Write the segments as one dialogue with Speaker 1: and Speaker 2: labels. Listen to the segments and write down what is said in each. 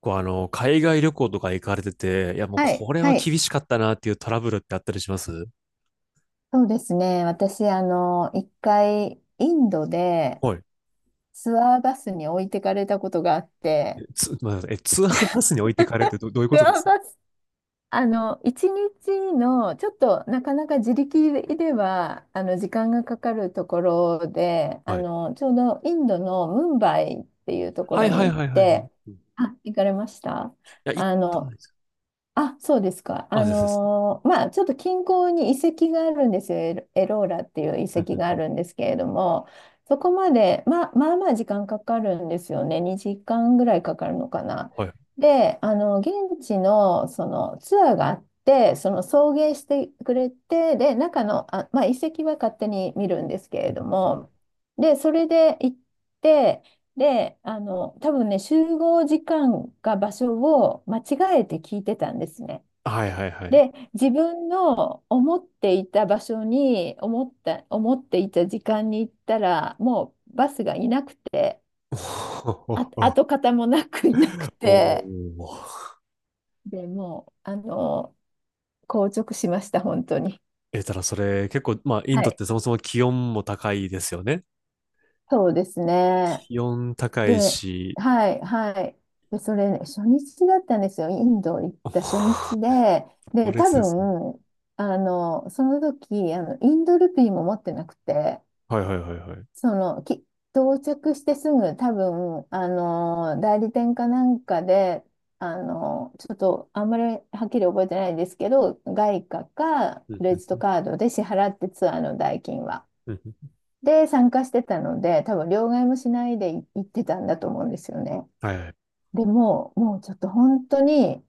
Speaker 1: こう海外旅行とか行かれてて、いやもう
Speaker 2: はい、
Speaker 1: これ
Speaker 2: は
Speaker 1: は
Speaker 2: い。
Speaker 1: 厳しかったなっていうトラブルってあったりします？
Speaker 2: そうですね。私、一回、インドで
Speaker 1: はい。
Speaker 2: ツアーバスに置いてかれたことがあって、
Speaker 1: まあ、ツアーバスに置いてかれるってどういうこ
Speaker 2: ツ
Speaker 1: とで
Speaker 2: アー
Speaker 1: す
Speaker 2: バス、あの、一日の、ちょっとなかなか自力では、時間がかかるところで、
Speaker 1: はい。
Speaker 2: ちょうどインドのムンバイっていうとこ
Speaker 1: は
Speaker 2: ろ
Speaker 1: い
Speaker 2: に
Speaker 1: はい
Speaker 2: 行っ
Speaker 1: はいはいはい。
Speaker 2: て、
Speaker 1: うん、い
Speaker 2: あ、行かれました？
Speaker 1: や、行っ
Speaker 2: あ
Speaker 1: たことな
Speaker 2: の、
Speaker 1: いです。
Speaker 2: あ、そうですか。
Speaker 1: あ、ですです。
Speaker 2: ちょっと近郊に遺跡があるんですよ。エローラっていう遺
Speaker 1: うんう
Speaker 2: 跡
Speaker 1: ん
Speaker 2: があ
Speaker 1: う
Speaker 2: るん
Speaker 1: ん、
Speaker 2: ですけれども、そこまで、まあ、まあまあ時間かかるんですよね。2時間ぐらいかかるのかな。
Speaker 1: はい。
Speaker 2: で、現地のそのツアーがあって、その送迎してくれて、で、中の、あ、まあ、遺跡は勝手に見るんですけ
Speaker 1: うん
Speaker 2: れ
Speaker 1: うん
Speaker 2: ど
Speaker 1: うん、
Speaker 2: も、で、それで行って、で、多分ね、集合時間か場所を間違えて聞いてたんですね。
Speaker 1: はいはいはい。
Speaker 2: で、自分の思っていた場所に、思っていた時間に行ったら、もうバスがいなくて、あ、跡形もなくいなく
Speaker 1: おおお
Speaker 2: て、
Speaker 1: ー。
Speaker 2: で、もう、硬直しました、本当に。
Speaker 1: ただそれ結構、まあ、イン
Speaker 2: は
Speaker 1: ドっ
Speaker 2: い。
Speaker 1: てそもそも気温も高いですよね。
Speaker 2: そうですね。
Speaker 1: 気温高い
Speaker 2: で、
Speaker 1: し、
Speaker 2: はい、はい。で、それね、初日だったんですよ。インド行っ
Speaker 1: お
Speaker 2: た初
Speaker 1: ー、
Speaker 2: 日で。
Speaker 1: 猛
Speaker 2: で、多
Speaker 1: 烈ですね。
Speaker 2: 分、あの、その時、インドルピーも持ってなくて、
Speaker 1: はいはいはいはい。
Speaker 2: その、き、到着してすぐ、多分、代理店かなんかで、あの、ちょっと、あんまりはっきり覚えてないですけど、外貨か
Speaker 1: う
Speaker 2: ク
Speaker 1: んう
Speaker 2: レ
Speaker 1: ん
Speaker 2: ジッ
Speaker 1: う
Speaker 2: ト
Speaker 1: ん
Speaker 2: カードで支払ってツアーの代金は。
Speaker 1: うんうん、
Speaker 2: で、参加してたので、多分、両替もしないで行ってたんだと思うんですよね。
Speaker 1: はいはい。
Speaker 2: でもう、もうちょっと本当に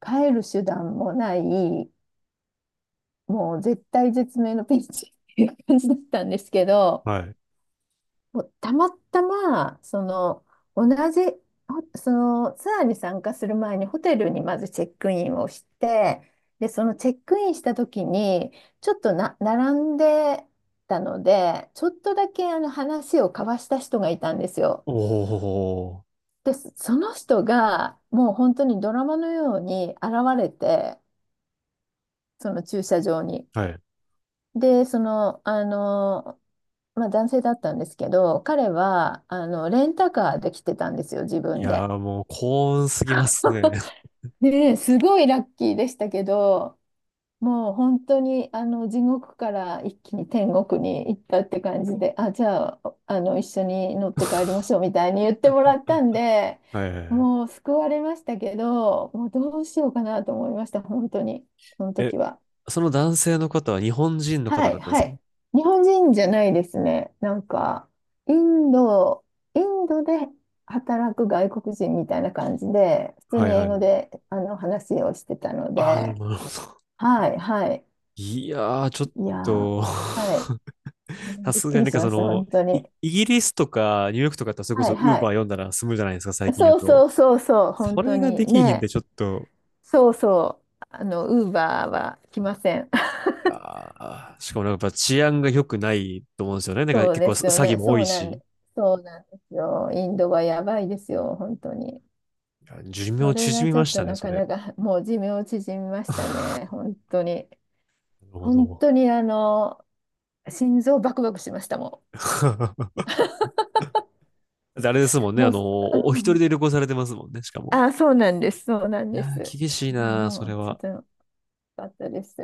Speaker 2: 帰る手段もない、もう絶対絶命のピンチっていう感じだったんですけど、
Speaker 1: はい。
Speaker 2: もうたまたま、その、同じ、ほそのツアーに参加する前にホテルにまずチェックインをして、で、そのチェックインした時に、ちょっとな、並んでたので、ちょっとだけあの話を交わした人がいたんですよ。
Speaker 1: おお、
Speaker 2: で、その人がもう本当にドラマのように現れて、その駐車場に。
Speaker 1: はい。
Speaker 2: で、まあ、男性だったんですけど、彼は、レンタカーで来てたんですよ、自
Speaker 1: い
Speaker 2: 分
Speaker 1: や
Speaker 2: で。
Speaker 1: ー、もう幸運すぎますね。
Speaker 2: で、すごいラッキーでしたけど、もう本当にあの地獄から一気に天国に行ったって感じで、あ、じゃあ、あの一緒に乗って帰りましょうみたいに言ってもらったんで、
Speaker 1: はいはいはい。
Speaker 2: もう救われましたけど、もうどうしようかなと思いました、本当に、その
Speaker 1: え、
Speaker 2: 時は。
Speaker 1: その男性の方は日本人の
Speaker 2: は
Speaker 1: 方だ
Speaker 2: い、
Speaker 1: ったんで
Speaker 2: は
Speaker 1: すか？
Speaker 2: い。日本人じゃないですね。なんか、インド、インドで働く外国人みたいな感じで、普通
Speaker 1: は
Speaker 2: に
Speaker 1: いは
Speaker 2: 英語
Speaker 1: い。
Speaker 2: であの話をしてたの
Speaker 1: ああ、な
Speaker 2: で、
Speaker 1: るほど。
Speaker 2: はい、はい。
Speaker 1: いやー、ちょっ
Speaker 2: いやー、
Speaker 1: と
Speaker 2: はい。う
Speaker 1: さ
Speaker 2: んびっ
Speaker 1: すが
Speaker 2: く
Speaker 1: に
Speaker 2: り
Speaker 1: なん
Speaker 2: し
Speaker 1: か
Speaker 2: ま
Speaker 1: そ
Speaker 2: した、
Speaker 1: の、
Speaker 2: 本当
Speaker 1: イ、
Speaker 2: に。
Speaker 1: イギリスとかニューヨークとかだってそれこ
Speaker 2: は
Speaker 1: そ
Speaker 2: い
Speaker 1: ウー
Speaker 2: は
Speaker 1: バー
Speaker 2: い。
Speaker 1: 読んだら済むじゃないですか、最近や
Speaker 2: そう
Speaker 1: と。
Speaker 2: そうそうそう、本
Speaker 1: そ
Speaker 2: 当
Speaker 1: れが
Speaker 2: に
Speaker 1: できひん
Speaker 2: ね。
Speaker 1: でちょっと、
Speaker 2: そうそう。あの、ウーバーは来ません。
Speaker 1: ああ、しかもなんかやっぱ治安が良くないと思うんですよね。なんか
Speaker 2: そう
Speaker 1: 結構
Speaker 2: ですよ
Speaker 1: 詐欺
Speaker 2: ね。
Speaker 1: も多
Speaker 2: そ
Speaker 1: い
Speaker 2: うなん
Speaker 1: し。
Speaker 2: で、そうなんですよ。インドはやばいですよ、本当に。
Speaker 1: いや、寿
Speaker 2: そ
Speaker 1: 命
Speaker 2: れが
Speaker 1: 縮み
Speaker 2: ちょ
Speaker 1: ま
Speaker 2: っ
Speaker 1: し
Speaker 2: と
Speaker 1: たね、
Speaker 2: な
Speaker 1: そ
Speaker 2: か
Speaker 1: れ。
Speaker 2: なか、もう寿命縮みまし たね、本当に。
Speaker 1: なるほ
Speaker 2: 本
Speaker 1: ど。
Speaker 2: 当に、心臓バクバクしましたも
Speaker 1: あれですもん
Speaker 2: ん。
Speaker 1: ね。あ
Speaker 2: もう、
Speaker 1: の、
Speaker 2: う
Speaker 1: お、お一人
Speaker 2: ん
Speaker 1: で旅行されてますもんね、しかも。
Speaker 2: あ、そうなんです、そうなん
Speaker 1: い
Speaker 2: で
Speaker 1: や
Speaker 2: す。
Speaker 1: ー、厳しい
Speaker 2: あ
Speaker 1: なそ
Speaker 2: も
Speaker 1: れ
Speaker 2: う、ちょっ
Speaker 1: は。
Speaker 2: と、よかったです。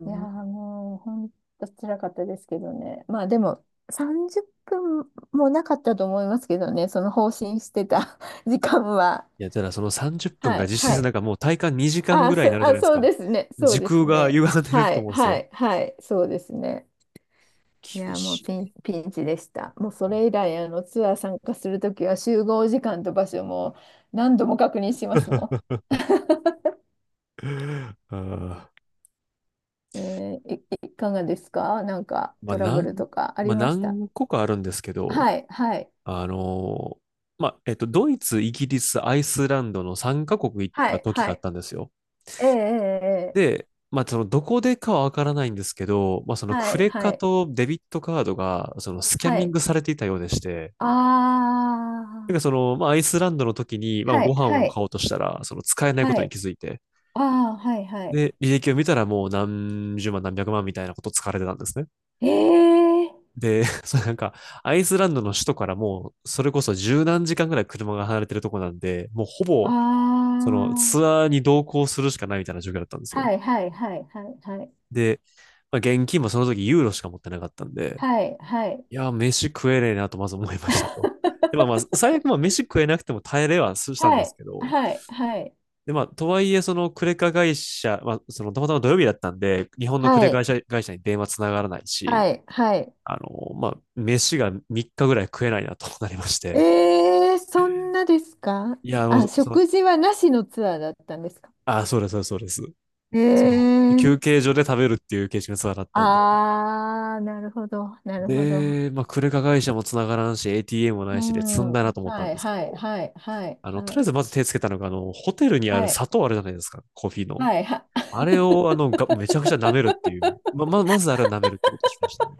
Speaker 1: う
Speaker 2: いやー、
Speaker 1: ん、
Speaker 2: もう、ほんと辛かったですけどね。まあ、でも、30分もなかったと思いますけどね、その放心してた 時間は。
Speaker 1: いや、ただその30分
Speaker 2: は
Speaker 1: が
Speaker 2: い、
Speaker 1: 実
Speaker 2: は
Speaker 1: 質な
Speaker 2: い。
Speaker 1: んかもう体感2時間ぐらいになるじゃ
Speaker 2: あ、
Speaker 1: ないです
Speaker 2: そう
Speaker 1: か。
Speaker 2: ですね、そう
Speaker 1: 時
Speaker 2: です
Speaker 1: 空が
Speaker 2: ね。
Speaker 1: 歪んでる
Speaker 2: は
Speaker 1: と
Speaker 2: い、
Speaker 1: 思うんです
Speaker 2: は
Speaker 1: よ。
Speaker 2: い、はい、そうですね。い
Speaker 1: 厳
Speaker 2: やー、もう
Speaker 1: し
Speaker 2: ピ
Speaker 1: い。
Speaker 2: ン、ピンチでした。もう、それ以 来、ツアー参加するときは、集合時間と場所も何度も確認しますもん。
Speaker 1: あー
Speaker 2: えーい、いかがですか？なんか、
Speaker 1: まあ、
Speaker 2: トラ
Speaker 1: な
Speaker 2: ブ
Speaker 1: ん、
Speaker 2: ルとかあ
Speaker 1: ま
Speaker 2: り
Speaker 1: あ、
Speaker 2: ました？
Speaker 1: 何個かあるんですけど、
Speaker 2: はい、はい。
Speaker 1: あのーまあ、ドイツ、イギリス、アイスランドの3カ国行っ
Speaker 2: は
Speaker 1: た
Speaker 2: い、
Speaker 1: 時
Speaker 2: は
Speaker 1: があっ
Speaker 2: い。
Speaker 1: たんですよ。
Speaker 2: ええ、ええ、ええ
Speaker 1: で、まあ、その、どこでかはわからないんですけど、まあ、その、
Speaker 2: は
Speaker 1: ク
Speaker 2: い、
Speaker 1: レ
Speaker 2: は
Speaker 1: カ
Speaker 2: い、
Speaker 1: とデビットカードが、その、スキャ
Speaker 2: は
Speaker 1: ミン
Speaker 2: い。
Speaker 1: グされていたようでして、
Speaker 2: あ
Speaker 1: なんかそ
Speaker 2: あ、
Speaker 1: の、まあ、アイスランドの時に、まあ、
Speaker 2: は
Speaker 1: ご
Speaker 2: い、
Speaker 1: 飯
Speaker 2: は
Speaker 1: を
Speaker 2: い、
Speaker 1: 買おうとしたら、その、使えないこ
Speaker 2: は
Speaker 1: とに
Speaker 2: い。
Speaker 1: 気づいて、
Speaker 2: ああ、はい、はい。
Speaker 1: で、履歴を見たらもう何十万何百万みたいなこと使われてたんですね。
Speaker 2: ええ、
Speaker 1: で、そのなんか、アイスランドの首都からもう、それこそ十何時間ぐらい車が離れてるとこなんで、もうほ
Speaker 2: あ
Speaker 1: ぼ、その、ツ
Speaker 2: あ、
Speaker 1: アーに同行するしかないみたいな状況だったんですよ。
Speaker 2: はい、はい、はい、はい、はい、
Speaker 1: で、まあ、現金もその時ユーロしか持ってなかったんで、
Speaker 2: はい、はい。
Speaker 1: いや、飯食えねえなとまず思いましたと。で、まあまあ、最悪まあ 飯食えなくても耐えれはしたん
Speaker 2: は
Speaker 1: です
Speaker 2: い、
Speaker 1: けど、
Speaker 2: はい、はい、
Speaker 1: で、まあ、とはいえ、そのクレカ会社、まあ、そのたまたま土曜日だったんで、日本のク
Speaker 2: は
Speaker 1: レカ
Speaker 2: い、
Speaker 1: 会社に電話つながらないし、
Speaker 2: はい、はい。
Speaker 1: まあ、飯が3日ぐらい食えないなとなりまして、
Speaker 2: ええ、そんなですか？
Speaker 1: いや、も
Speaker 2: あ、
Speaker 1: う、その、
Speaker 2: 食事はなしのツアーだったんですか？
Speaker 1: あ、そうです、そうです、
Speaker 2: え
Speaker 1: その、
Speaker 2: え、
Speaker 1: 休憩所で食べるっていう形式のツアーだったんで、
Speaker 2: ああ、なるほど、なるほど。
Speaker 1: で、まあ、クレカ会社もつながらんし、ATM もな
Speaker 2: う
Speaker 1: いしで積
Speaker 2: ん。
Speaker 1: んだなと思った
Speaker 2: は
Speaker 1: ん
Speaker 2: い
Speaker 1: ですけ
Speaker 2: はい
Speaker 1: ど、
Speaker 2: はいはいは
Speaker 1: とりあえ
Speaker 2: い
Speaker 1: ずまず手つけたのが、ホテルにあ
Speaker 2: は
Speaker 1: る
Speaker 2: い
Speaker 1: 砂糖あるじゃないですか、コーヒーの。
Speaker 2: はいは
Speaker 1: あれ を、めちゃくちゃ舐めるっていう。まずあれは舐めるってことをしましたね。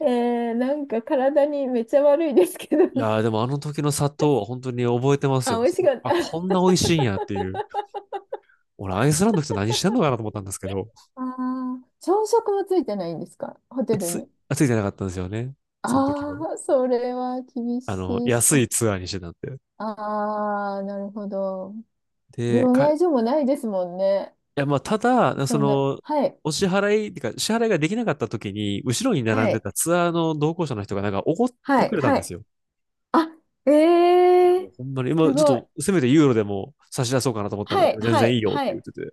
Speaker 2: えー、なんか体にめっちゃ悪いですけど
Speaker 1: い
Speaker 2: ね。
Speaker 1: やー、でもあの時の砂糖は本当に覚えてま す
Speaker 2: あ、
Speaker 1: よ。
Speaker 2: 美味しかっ
Speaker 1: あ、
Speaker 2: た。
Speaker 1: こ んな美味しいんやっていう。俺、アイスランドの人何してんのかなと思ったんですけど、
Speaker 2: ああ、朝食もついてないんですかホテルに？
Speaker 1: ついてなかったんですよね。その時も。
Speaker 2: ああ、それは厳しいし
Speaker 1: 安
Speaker 2: かも。
Speaker 1: いツアーにしてたんで。
Speaker 2: ああ、なるほど。
Speaker 1: で、
Speaker 2: 両
Speaker 1: い
Speaker 2: 替所もないですもんね。
Speaker 1: や、まあ、ただ、そ
Speaker 2: そんな。
Speaker 1: の、
Speaker 2: はい。
Speaker 1: お支払い、ってか、支払いができなかった時に、後ろに
Speaker 2: は
Speaker 1: 並んで
Speaker 2: い。
Speaker 1: たツアーの同行者の人がなんか怒って
Speaker 2: は
Speaker 1: く
Speaker 2: い。
Speaker 1: れたん
Speaker 2: は
Speaker 1: です
Speaker 2: い。
Speaker 1: よ。
Speaker 2: あ、え
Speaker 1: いや、も
Speaker 2: え
Speaker 1: うほんまに、
Speaker 2: ー、
Speaker 1: 今、
Speaker 2: す
Speaker 1: ちょっ
Speaker 2: ごい。
Speaker 1: と、せめてユーロでも差し出そうかなと思ったんだ
Speaker 2: は
Speaker 1: け
Speaker 2: い。
Speaker 1: ど、全
Speaker 2: は
Speaker 1: 然い
Speaker 2: い。
Speaker 1: いよっ
Speaker 2: は
Speaker 1: て言っ
Speaker 2: い。
Speaker 1: てて。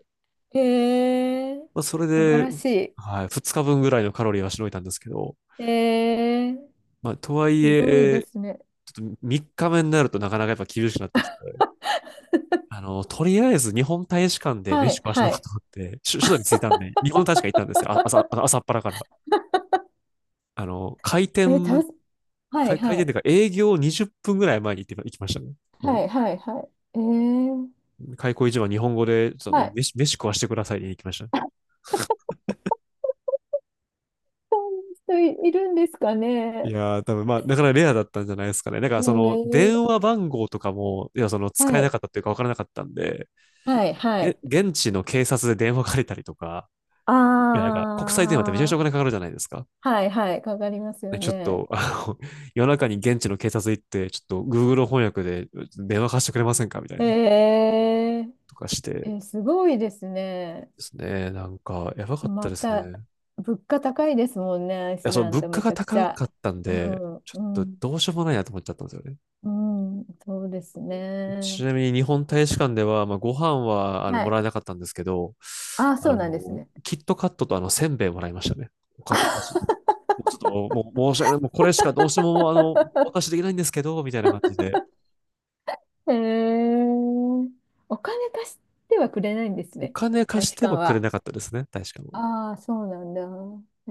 Speaker 2: えー、
Speaker 1: まあ、それ
Speaker 2: 素晴
Speaker 1: で、
Speaker 2: らし
Speaker 1: はい、2日分ぐらいのカロリーはしのいたんですけど、
Speaker 2: い。えー、
Speaker 1: まあ、とはい
Speaker 2: すごいで
Speaker 1: え、
Speaker 2: すね。
Speaker 1: ちょっと3日目になるとなかなかやっぱ厳しくなってきて、とりあえず日本大使館で
Speaker 2: は
Speaker 1: 飯
Speaker 2: い、
Speaker 1: 食わしても
Speaker 2: は
Speaker 1: らおう
Speaker 2: い。
Speaker 1: と思って、首都に着いたんで、日本の大使館行ったんですよ。あ朝、あ 朝っぱらから。あの、開
Speaker 2: え、た
Speaker 1: 店、
Speaker 2: す、はい、
Speaker 1: 開開
Speaker 2: は
Speaker 1: 店っ
Speaker 2: い。
Speaker 1: ていうか営業20分ぐらい前に行って行きましたね。
Speaker 2: は
Speaker 1: も
Speaker 2: い、はい、はい。えー、
Speaker 1: う、開口一番日本語で、そ
Speaker 2: は
Speaker 1: の、
Speaker 2: い。
Speaker 1: 飯食わしてくださいに行きましたね。
Speaker 2: あ、そんな人いるんですか
Speaker 1: い
Speaker 2: ね？
Speaker 1: やー、多分まあ、なかなかレアだったんじゃないですかね。だか
Speaker 2: え
Speaker 1: ら、その、
Speaker 2: ー、
Speaker 1: 電話番号とかも、いや、その、使え
Speaker 2: は
Speaker 1: な
Speaker 2: い、
Speaker 1: かったっていうか、分からなかったんで、
Speaker 2: はい、はい。
Speaker 1: 現地の警察で電話借りたりとか、いや、なんか、国際電話ってめちゃめちゃ
Speaker 2: あ
Speaker 1: お
Speaker 2: ー、
Speaker 1: 金かかるじゃないですか。
Speaker 2: はい、はい。かかります
Speaker 1: ね、
Speaker 2: よ
Speaker 1: ちょっ
Speaker 2: ね。
Speaker 1: と、夜中に現地の警察行って、ちょっと、Google 翻訳で電話貸してくれませんかみたい
Speaker 2: え
Speaker 1: な、
Speaker 2: ー、
Speaker 1: とかしてで
Speaker 2: え、すごいですね。
Speaker 1: すね。なんか、やばかった
Speaker 2: ま
Speaker 1: です
Speaker 2: た、
Speaker 1: ね。い
Speaker 2: 物価高いですもんね、アイ
Speaker 1: や、
Speaker 2: ス
Speaker 1: その、
Speaker 2: ラン
Speaker 1: 物
Speaker 2: ド
Speaker 1: 価
Speaker 2: めち
Speaker 1: が
Speaker 2: ゃくち
Speaker 1: 高
Speaker 2: ゃ。
Speaker 1: かったん
Speaker 2: う
Speaker 1: で、
Speaker 2: ん、
Speaker 1: ちょ
Speaker 2: う
Speaker 1: っと、
Speaker 2: ん、
Speaker 1: どうしようもないなと思っちゃったんですよね。
Speaker 2: うん、そうです
Speaker 1: ち
Speaker 2: ね。
Speaker 1: なみに日本大使館では、まあ、ご飯は
Speaker 2: は
Speaker 1: もら
Speaker 2: い。
Speaker 1: えなかったんですけど、
Speaker 2: ああ、
Speaker 1: あ
Speaker 2: そう
Speaker 1: の、
Speaker 2: なんですね。
Speaker 1: キットカットとせんべいもらいましたね。お菓子。もうちょっと、もう申し訳ない。もうこれしかどうしてももうお渡 しできないんですけど、みたいな感じで。
Speaker 2: へえ、お金貸してはくれないんです
Speaker 1: お
Speaker 2: ね、
Speaker 1: 金
Speaker 2: 大
Speaker 1: 貸し
Speaker 2: 使
Speaker 1: て
Speaker 2: 館
Speaker 1: もくれ
Speaker 2: は。
Speaker 1: なかったですね、大使館は。
Speaker 2: ああ、そうなんだ。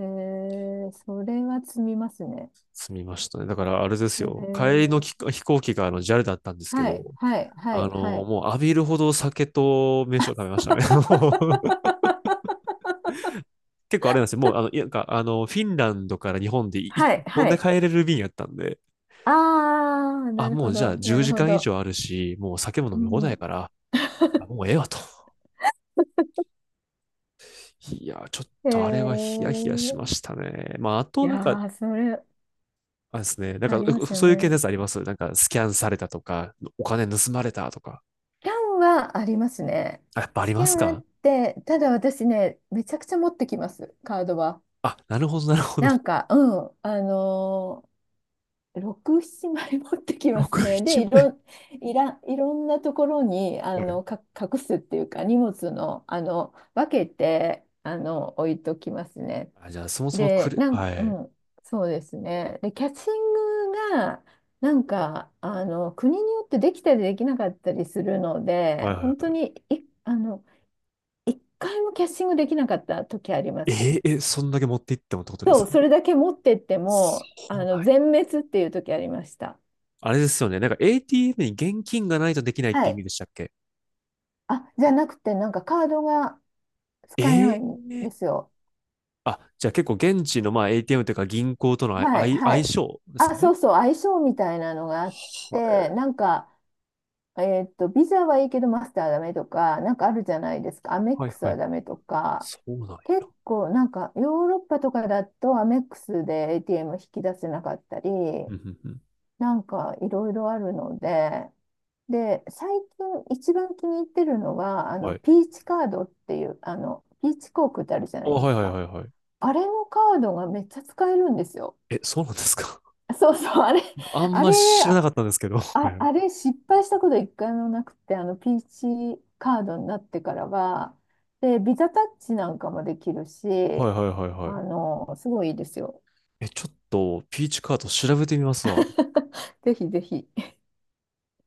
Speaker 2: へえー、それは積みますね。
Speaker 1: 済みましたね。だからあれです
Speaker 2: へえ
Speaker 1: よ。帰りの
Speaker 2: ー、
Speaker 1: 飛行機がジ a ルだったんですけ
Speaker 2: は
Speaker 1: ど、
Speaker 2: い、はい、はい、はい。
Speaker 1: もう浴びるほど酒と飯を食べましたね。もう 結構あれなんですよ。もう、いやなんか、フィンランドから日本でい一
Speaker 2: はい、
Speaker 1: 本
Speaker 2: は
Speaker 1: で
Speaker 2: い。
Speaker 1: 帰れる便やったんで、
Speaker 2: ああ、な
Speaker 1: あ、
Speaker 2: る
Speaker 1: も
Speaker 2: ほ
Speaker 1: うじゃ
Speaker 2: ど、
Speaker 1: あ10
Speaker 2: なる
Speaker 1: 時
Speaker 2: ほ
Speaker 1: 間以
Speaker 2: ど。
Speaker 1: 上あるし、もう酒も飲
Speaker 2: う
Speaker 1: み放題や
Speaker 2: ん、
Speaker 1: から、もう ええわと。いや、ちょっ
Speaker 2: へ
Speaker 1: とあれはヒヤヒヤ
Speaker 2: え。
Speaker 1: しましたね。まあ、あ
Speaker 2: い
Speaker 1: と
Speaker 2: や
Speaker 1: なんか、
Speaker 2: ー、それ、
Speaker 1: あれですね、なん
Speaker 2: あ
Speaker 1: か
Speaker 2: りますよ
Speaker 1: そういう系
Speaker 2: ね。
Speaker 1: のやつあります？なんかスキャンされたとか、お金盗まれたとか。
Speaker 2: スキャンはありますね。
Speaker 1: あ、やっぱあ
Speaker 2: ス
Speaker 1: り
Speaker 2: キ
Speaker 1: ま
Speaker 2: ャ
Speaker 1: す
Speaker 2: ンあっ
Speaker 1: か？
Speaker 2: て、ただ私ね、めちゃくちゃ持ってきます、カードは。
Speaker 1: あ、なるほど、なるほど。
Speaker 2: な んか、うん、6、7枚持ってきます
Speaker 1: 61
Speaker 2: ね。で、
Speaker 1: 枚。
Speaker 2: いろんなところに、
Speaker 1: はい。
Speaker 2: 隠すっていうか、荷物の、分けて、置いときますね。
Speaker 1: あ、じゃあそもそも
Speaker 2: で、なん
Speaker 1: は
Speaker 2: か、う
Speaker 1: い。
Speaker 2: ん、そうですね。で、キャッチングが、なんか、国によってできたりできなかったりするので、
Speaker 1: はいはい
Speaker 2: 本当
Speaker 1: は
Speaker 2: に、い、あの、一回もキャッチングできなかった時ありま
Speaker 1: い。
Speaker 2: す。
Speaker 1: えーえ、そんだけ持っていってもってことで
Speaker 2: そ
Speaker 1: す
Speaker 2: う、
Speaker 1: か？
Speaker 2: それだけ持ってって
Speaker 1: そ
Speaker 2: も、
Speaker 1: うなん
Speaker 2: 全
Speaker 1: や。
Speaker 2: 滅っていう時ありました。
Speaker 1: あれですよね。なんか ATM に現金がないとできないっ
Speaker 2: は
Speaker 1: て意味
Speaker 2: い。
Speaker 1: でしたっけ？
Speaker 2: あ、じゃなくて、なんかカードが使えない
Speaker 1: ええ、
Speaker 2: んですよ。
Speaker 1: あ、じゃあ結構現地のまあ ATM というか銀行との
Speaker 2: は
Speaker 1: あ
Speaker 2: い、
Speaker 1: い相
Speaker 2: は
Speaker 1: 相
Speaker 2: い。
Speaker 1: 性ですか
Speaker 2: あ、
Speaker 1: ね。
Speaker 2: そうそう、相性みたいなのがあっ
Speaker 1: は
Speaker 2: て、なんか、えーっと、ビザはいいけどマスターはダメとか、なんかあるじゃないですか。
Speaker 1: い
Speaker 2: アメッ
Speaker 1: はい
Speaker 2: クス
Speaker 1: はい。
Speaker 2: はダメとか。
Speaker 1: そうなんや。
Speaker 2: 結構、なんかヨーロッパとかだとアメックスで ATM 引き出せなかったり、
Speaker 1: うんうんうん。
Speaker 2: なんかいろいろあるので、で、最近一番気に入ってるのは、
Speaker 1: はい。
Speaker 2: ピーチカードっていう、ピーチ航空ってあるじゃな
Speaker 1: あ、
Speaker 2: いで
Speaker 1: はい
Speaker 2: す
Speaker 1: はい
Speaker 2: か。
Speaker 1: はいはい。
Speaker 2: あれのカードがめっちゃ使えるんですよ。
Speaker 1: え、そうなんですか？
Speaker 2: そうそう、あれ、
Speaker 1: あん
Speaker 2: あ
Speaker 1: ま
Speaker 2: れ、
Speaker 1: り知らなかったんですけど。はい
Speaker 2: あ、
Speaker 1: はい
Speaker 2: あれ失敗したこと一回もなくて、ピーチカードになってからは、で、ビザタッチなんかもできるし、
Speaker 1: はいはいはい。
Speaker 2: すごいいいですよ。
Speaker 1: え、ちょっとピーチカート調べてみますわ。
Speaker 2: ぜひぜひ。